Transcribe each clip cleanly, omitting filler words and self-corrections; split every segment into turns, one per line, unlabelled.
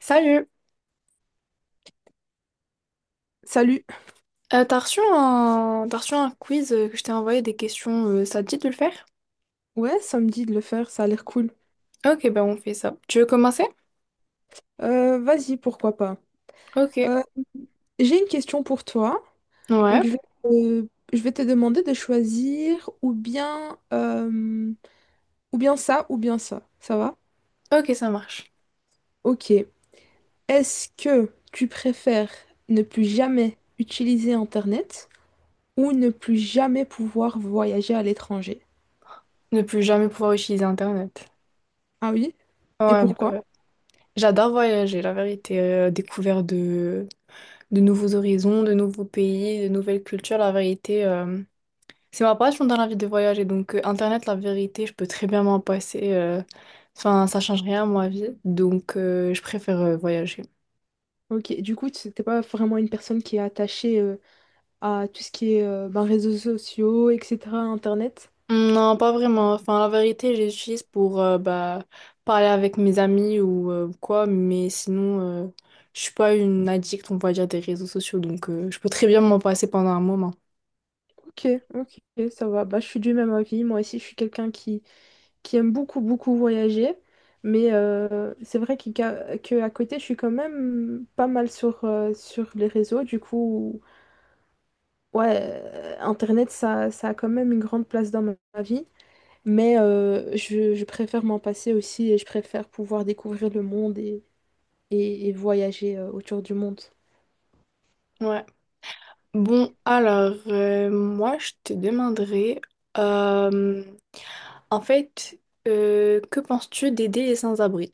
Salut!
Salut.
T'as reçu un quiz que je t'ai envoyé des questions, ça te dit de le faire?
Ouais, ça me dit de le faire, ça a l'air cool.
Ok, bah on fait ça. Tu veux commencer?
Vas-y, pourquoi pas.
Ok.
Euh, j'ai une question pour toi. Donc,
Ouais,
je vais, euh, je vais te demander de choisir ou bien ça, ou bien ça. Ça va?
ok, ça marche.
Ok. Est-ce que tu préfères ne plus jamais utiliser Internet ou ne plus jamais pouvoir voyager à l'étranger?
Ne plus jamais pouvoir utiliser Internet.
Ah oui? Et
Ouais,
pourquoi?
bah, j'adore voyager, la vérité. Découvert de nouveaux horizons, de nouveaux pays, de nouvelles cultures, la vérité. C'est ma passion dans la vie de voyager, donc Internet, la vérité, je peux très bien m'en passer. Enfin, ça change rien à ma vie, donc je préfère voyager.
Ok. Du coup, tu n'es pas vraiment une personne qui est attachée à tout ce qui est ben, réseaux sociaux, etc., Internet.
Non, pas vraiment. Enfin, la vérité, je l'utilise pour bah, parler avec mes amis ou quoi, mais sinon, je suis pas une addict, on va dire, des réseaux sociaux, donc je peux très bien m'en passer pendant un moment.
Ok, ok, ça va. Bah, je suis du même avis. Moi aussi, je suis quelqu'un qui aime beaucoup, beaucoup voyager. Mais c'est vrai qu'il- qu'à que à côté, je suis quand même pas mal sur, sur les réseaux. Du coup, ouais, Internet, ça a quand même une grande place dans ma vie. Mais je préfère m'en passer aussi et je préfère pouvoir découvrir le monde et voyager autour du monde.
Ouais. Bon, alors, moi, je te demanderais. En fait, que penses-tu d'aider les sans-abri?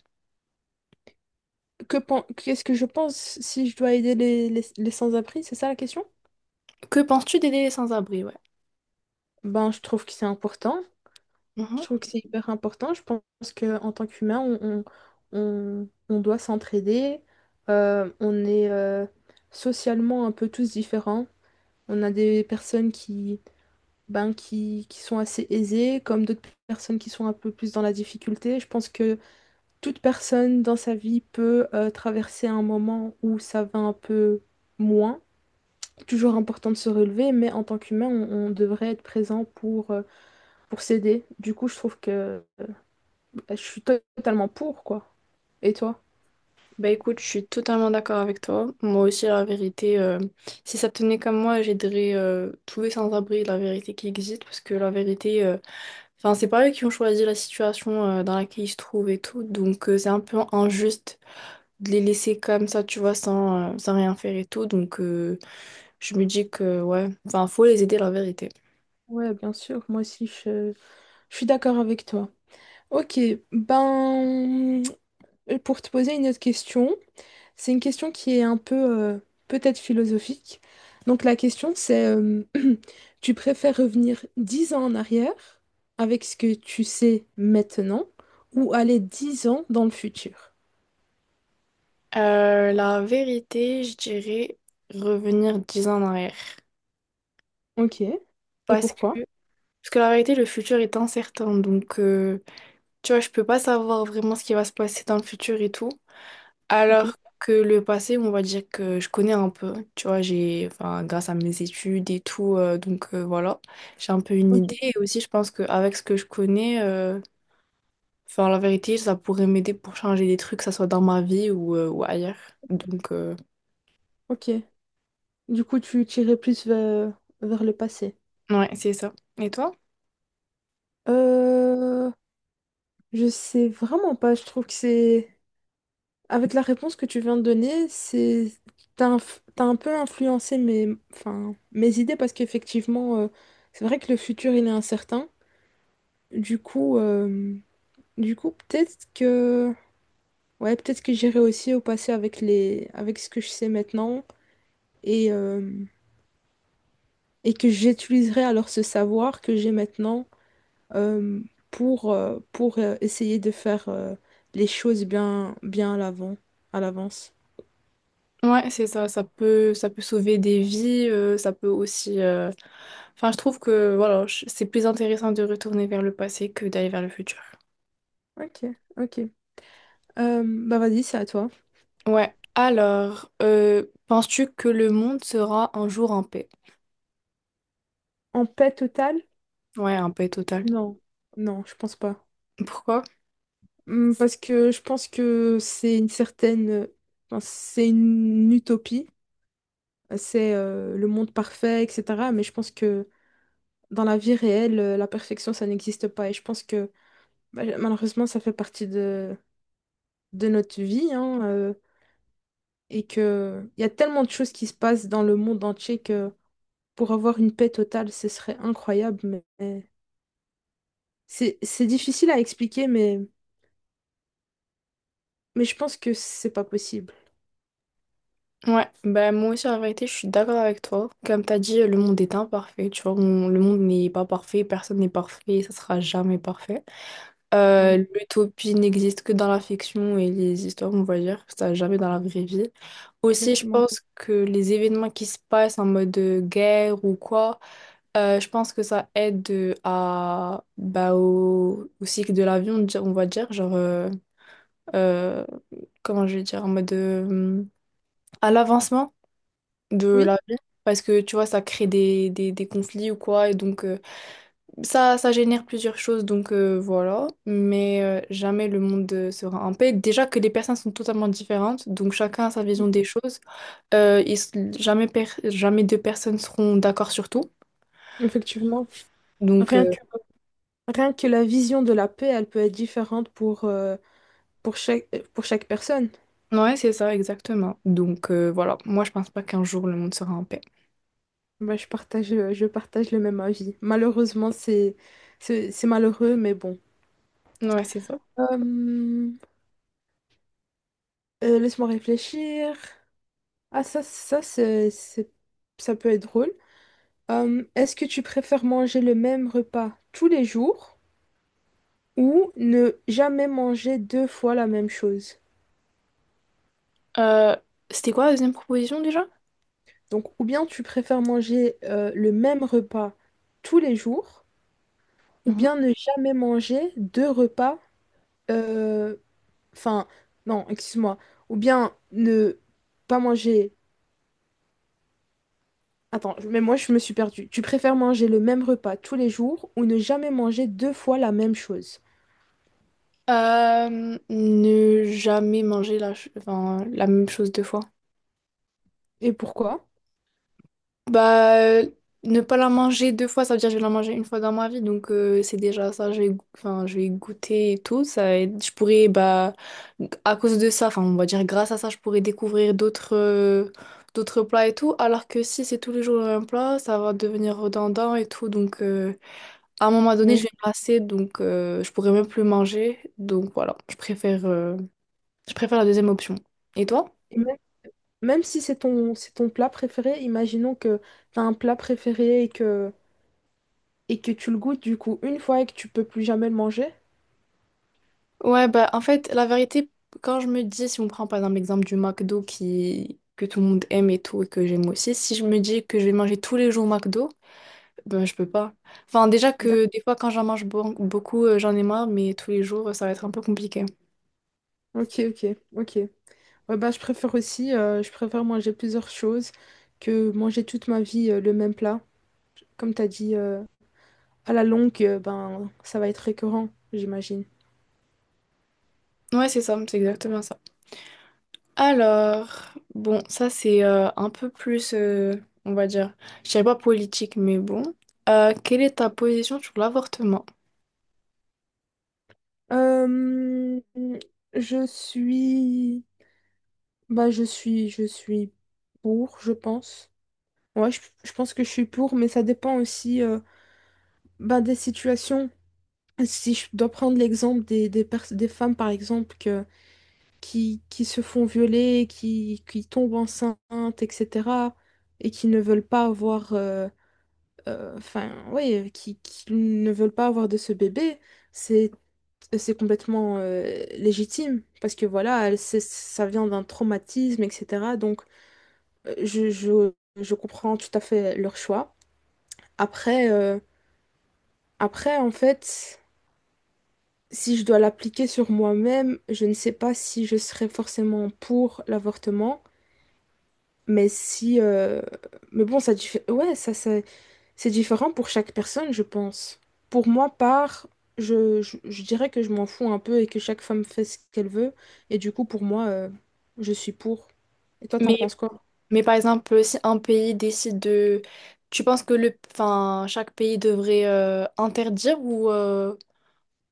Qu'est-ce que je pense si je dois aider les sans-abri, c'est ça la question?
Que penses-tu d'aider les sans-abri, ouais.
Ben, je trouve que c'est important. Je
Mhm.
trouve que c'est hyper important. Je pense qu'en tant qu'humain, on doit s'entraider. On est socialement un peu tous différents. On a des personnes ben, qui sont assez aisées, comme d'autres personnes qui sont un peu plus dans la difficulté. Je pense que toute personne dans sa vie peut traverser un moment où ça va un peu moins toujours important de se relever, mais en tant qu'humain, on devrait être présent pour s'aider. Du coup, je trouve que bah, je suis totalement pour, quoi. Et toi?
Bah écoute, je suis totalement d'accord avec toi. Moi aussi, la vérité, si ça tenait comme moi, j'aiderais tous les sans-abri, la vérité qui existe, parce que la vérité, enfin, c'est pas eux qui ont choisi la situation dans laquelle ils se trouvent et tout, donc c'est un peu injuste de les laisser comme ça, tu vois, sans rien faire et tout, donc je me dis que, ouais, enfin, faut les aider, la vérité.
Ouais, bien sûr, moi aussi, je suis d'accord avec toi. Ok, ben, pour te poser une autre question, c'est une question qui est un peu, peut-être philosophique. Donc la question, c'est, euh, tu préfères revenir 10 ans en arrière avec ce que tu sais maintenant ou aller 10 ans dans le futur?
La vérité, je dirais revenir 10 ans en arrière.
Ok. Et
Parce
pourquoi?
que, parce que la vérité, le futur est incertain. Donc, tu vois, je peux pas savoir vraiment ce qui va se passer dans le futur et tout.
Ok,
Alors que le passé, on va dire que je connais un peu, tu vois, enfin, grâce à mes études et tout, donc voilà, j'ai un peu une idée.
ok,
Et aussi, je pense qu'avec ce que je connais, enfin, la vérité, ça pourrait m'aider pour changer des trucs, que ça soit dans ma vie ou ailleurs. Donc,
ok. Du coup, tu tirais plus vers, vers le passé.
ouais, c'est ça. Et toi?
Euh, je sais vraiment pas. Je trouve que c'est... Avec la réponse que tu viens de donner, c'est... t'as un peu influencé enfin, mes idées parce qu'effectivement, c'est vrai que le futur, il est incertain. Du coup, peut-être que... Ouais, peut-être que j'irai aussi au passé avec les... avec ce que je sais maintenant et, euh, et que j'utiliserai alors ce savoir que j'ai maintenant euh, pour, essayer de faire les choses bien, bien à l'avant, à l'avance.
Ouais, c'est ça, ça peut sauver des vies, ça peut aussi... Enfin, je trouve que, voilà, c'est plus intéressant de retourner vers le passé que d'aller vers le futur.
Ok, ok. Euh, bah vas-y, c'est à toi.
Ouais, alors, penses-tu que le monde sera un jour en paix?
En paix totale?
Ouais, en paix totale.
Non, non, je pense pas.
Pourquoi?
Parce que je pense que c'est une certaine, enfin, c'est une utopie, c'est le monde parfait, etc. Mais je pense que dans la vie réelle, la perfection, ça n'existe pas. Et je pense que bah, malheureusement, ça fait partie de notre vie, hein. Et que il y a tellement de choses qui se passent dans le monde entier que pour avoir une paix totale, ce serait incroyable, mais c'est difficile à expliquer, mais je pense que c'est pas possible.
Ouais, ben moi aussi, en vérité, je suis d'accord avec toi. Comme t'as dit, le monde est imparfait, tu vois, le monde n'est pas parfait, personne n'est parfait, ça sera jamais parfait.
Ouais,
L'utopie n'existe que dans la fiction et les histoires, on va dire, ça jamais dans la vraie vie. Aussi, je
exactement.
pense que les événements qui se passent en mode guerre ou quoi, je pense que ça aide à, bah, au cycle de l'avion, on va dire, genre, euh, comment je vais dire, en mode à l'avancement de
Oui,
la vie. Parce que tu vois, ça crée des conflits ou quoi, et donc, ça génère plusieurs choses, donc voilà. Mais jamais le monde sera en paix. Déjà que les personnes sont totalement différentes, donc chacun a sa vision
oui,
des choses. Ils s- jamais, per- jamais deux personnes seront d'accord sur tout.
effectivement.
Donc,
Rien que rien que la vision de la paix, elle peut être différente pour chaque personne.
ouais, c'est ça, exactement. Donc, voilà. Moi, je pense pas qu'un jour le monde sera en paix.
Bah, je partage le même avis. Malheureusement, c'est malheureux, mais bon.
Ouais, c'est ça.
Euh, laisse-moi réfléchir. Ah, ça peut être drôle. Est-ce que tu préfères manger le même repas tous les jours ou ne jamais manger deux fois la même chose?
Euh, C'était quoi la deuxième proposition déjà?
Donc, ou bien tu préfères manger le même repas tous les jours ou
Mhm.
bien ne jamais manger deux repas, euh, enfin, non, excuse-moi, ou bien ne pas manger... Attends, mais moi je me suis perdue. Tu préfères manger le même repas tous les jours ou ne jamais manger deux fois la même chose?
Ne jamais manger enfin, la même chose deux fois.
Et pourquoi?
Bah, ne pas la manger deux fois, ça veut dire que je vais la manger une fois dans ma vie, donc c'est déjà ça, enfin, je vais goûter et tout, je pourrais, bah, à cause de ça, enfin, on va dire grâce à ça, je pourrais découvrir d'autres plats et tout, alors que si c'est tous les jours le même plat, ça va devenir redondant et tout, donc à un moment donné, je
Oui.
vais me lasser, donc je pourrais même plus manger, donc voilà, je préfère la deuxième option. Et toi?
Et même, même si c'est ton, c'est ton plat préféré, imaginons que tu as un plat préféré et que tu le goûtes du coup une fois et que tu peux plus jamais le manger.
Ouais, bah en fait, la vérité, quand je me dis, si on prend par exemple l'exemple du McDo que tout le monde aime et tout, et que j'aime aussi, si je me dis que je vais manger tous les jours au McDo, ben je peux pas. Enfin, déjà
D'ac-
que des fois, quand j'en mange beaucoup, j'en ai marre, mais tous les jours, ça va être un peu compliqué.
Ok. Ouais, bah, je préfère manger plusieurs choses que manger toute ma vie le même plat. Comme tu as dit, à la longue, ben, ça va être récurrent, j'imagine.
Ouais, c'est ça, c'est exactement ça. Alors, bon, ça c'est un peu plus, on va dire, je dirais pas politique, mais bon. Quelle est ta position sur l'avortement?
Euh, je suis... Bah, je suis pour, je pense. Ouais, je pense que je suis pour, mais ça dépend aussi ben, des situations. Si je dois prendre l'exemple des femmes, par exemple, que, qui se font violer, qui tombent enceintes, etc., et qui ne veulent pas avoir, ouais, qui ne veulent pas avoir de ce bébé, c'est, c'est complètement légitime, parce que voilà, ça vient d'un traumatisme, etc. Donc, euh, je, je, je comprends tout à fait leur choix. Après, euh, en fait, si je dois l'appliquer sur moi-même, je ne sais pas si je serais forcément pour l'avortement, mais si, mais bon, ça, ouais, c'est différent pour chaque personne, je pense. Pour moi, je dirais que je m'en fous un peu et que chaque femme fait ce qu'elle veut, et du coup, pour moi, je suis pour. Et toi, t'en
Mais
penses quoi?
Par exemple, si un pays décide de... Tu penses que enfin, chaque pays devrait interdire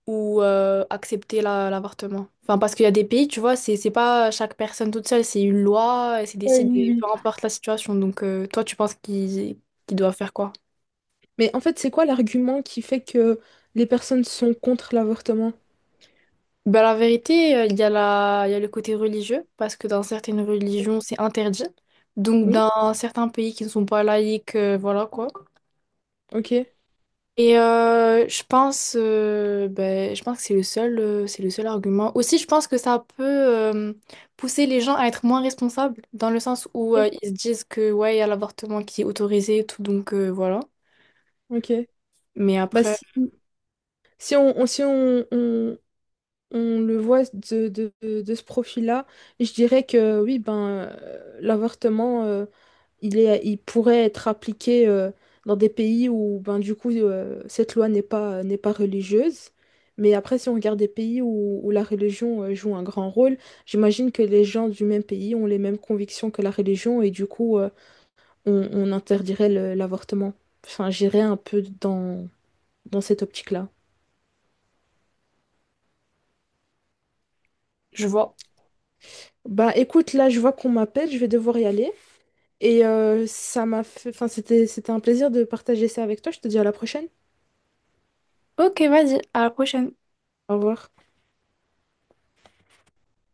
ou accepter l'avortement? Enfin, parce qu'il y a des pays, tu vois, c'est pas chaque personne toute seule, c'est une loi, c'est
Oui, oui,
décidé, peu
oui.
importe la situation. Donc, toi, tu penses qu'ils doivent faire quoi?
Mais en fait, c'est quoi l'argument qui fait que les personnes sont contre l'avortement?
Ben, la vérité, il y a le côté religieux, parce que dans certaines religions, c'est interdit. Donc,
Oui?
dans certains pays qui ne sont pas laïques, voilà quoi.
Ok.
Et je pense que c'est le seul argument. Aussi, je pense que ça peut pousser les gens à être moins responsables, dans le sens où
Ok.
ils se disent que ouais, il y a l'avortement qui est autorisé et tout, donc voilà.
Ok.
Mais
Bah
après,
si. Si on, on- si on, on- on le voit de ce profil-là, je dirais que oui, ben, l'avortement, il pourrait être appliqué dans des pays où, ben, du coup, cette loi n'est pas religieuse. Mais après, si on regarde des pays où, où la religion joue un grand rôle, j'imagine que les gens du même pays ont les mêmes convictions que la religion et du coup, on interdirait l'avortement. Enfin, j'irais un peu dans, dans cette optique-là.
je vois.
Bah écoute, là je vois qu'on m'appelle, je vais devoir y aller. Et ça m'a fait... Enfin, c'était un plaisir de partager ça avec toi. Je te dis à la prochaine.
Ok, vas-y, à la prochaine.
Au revoir.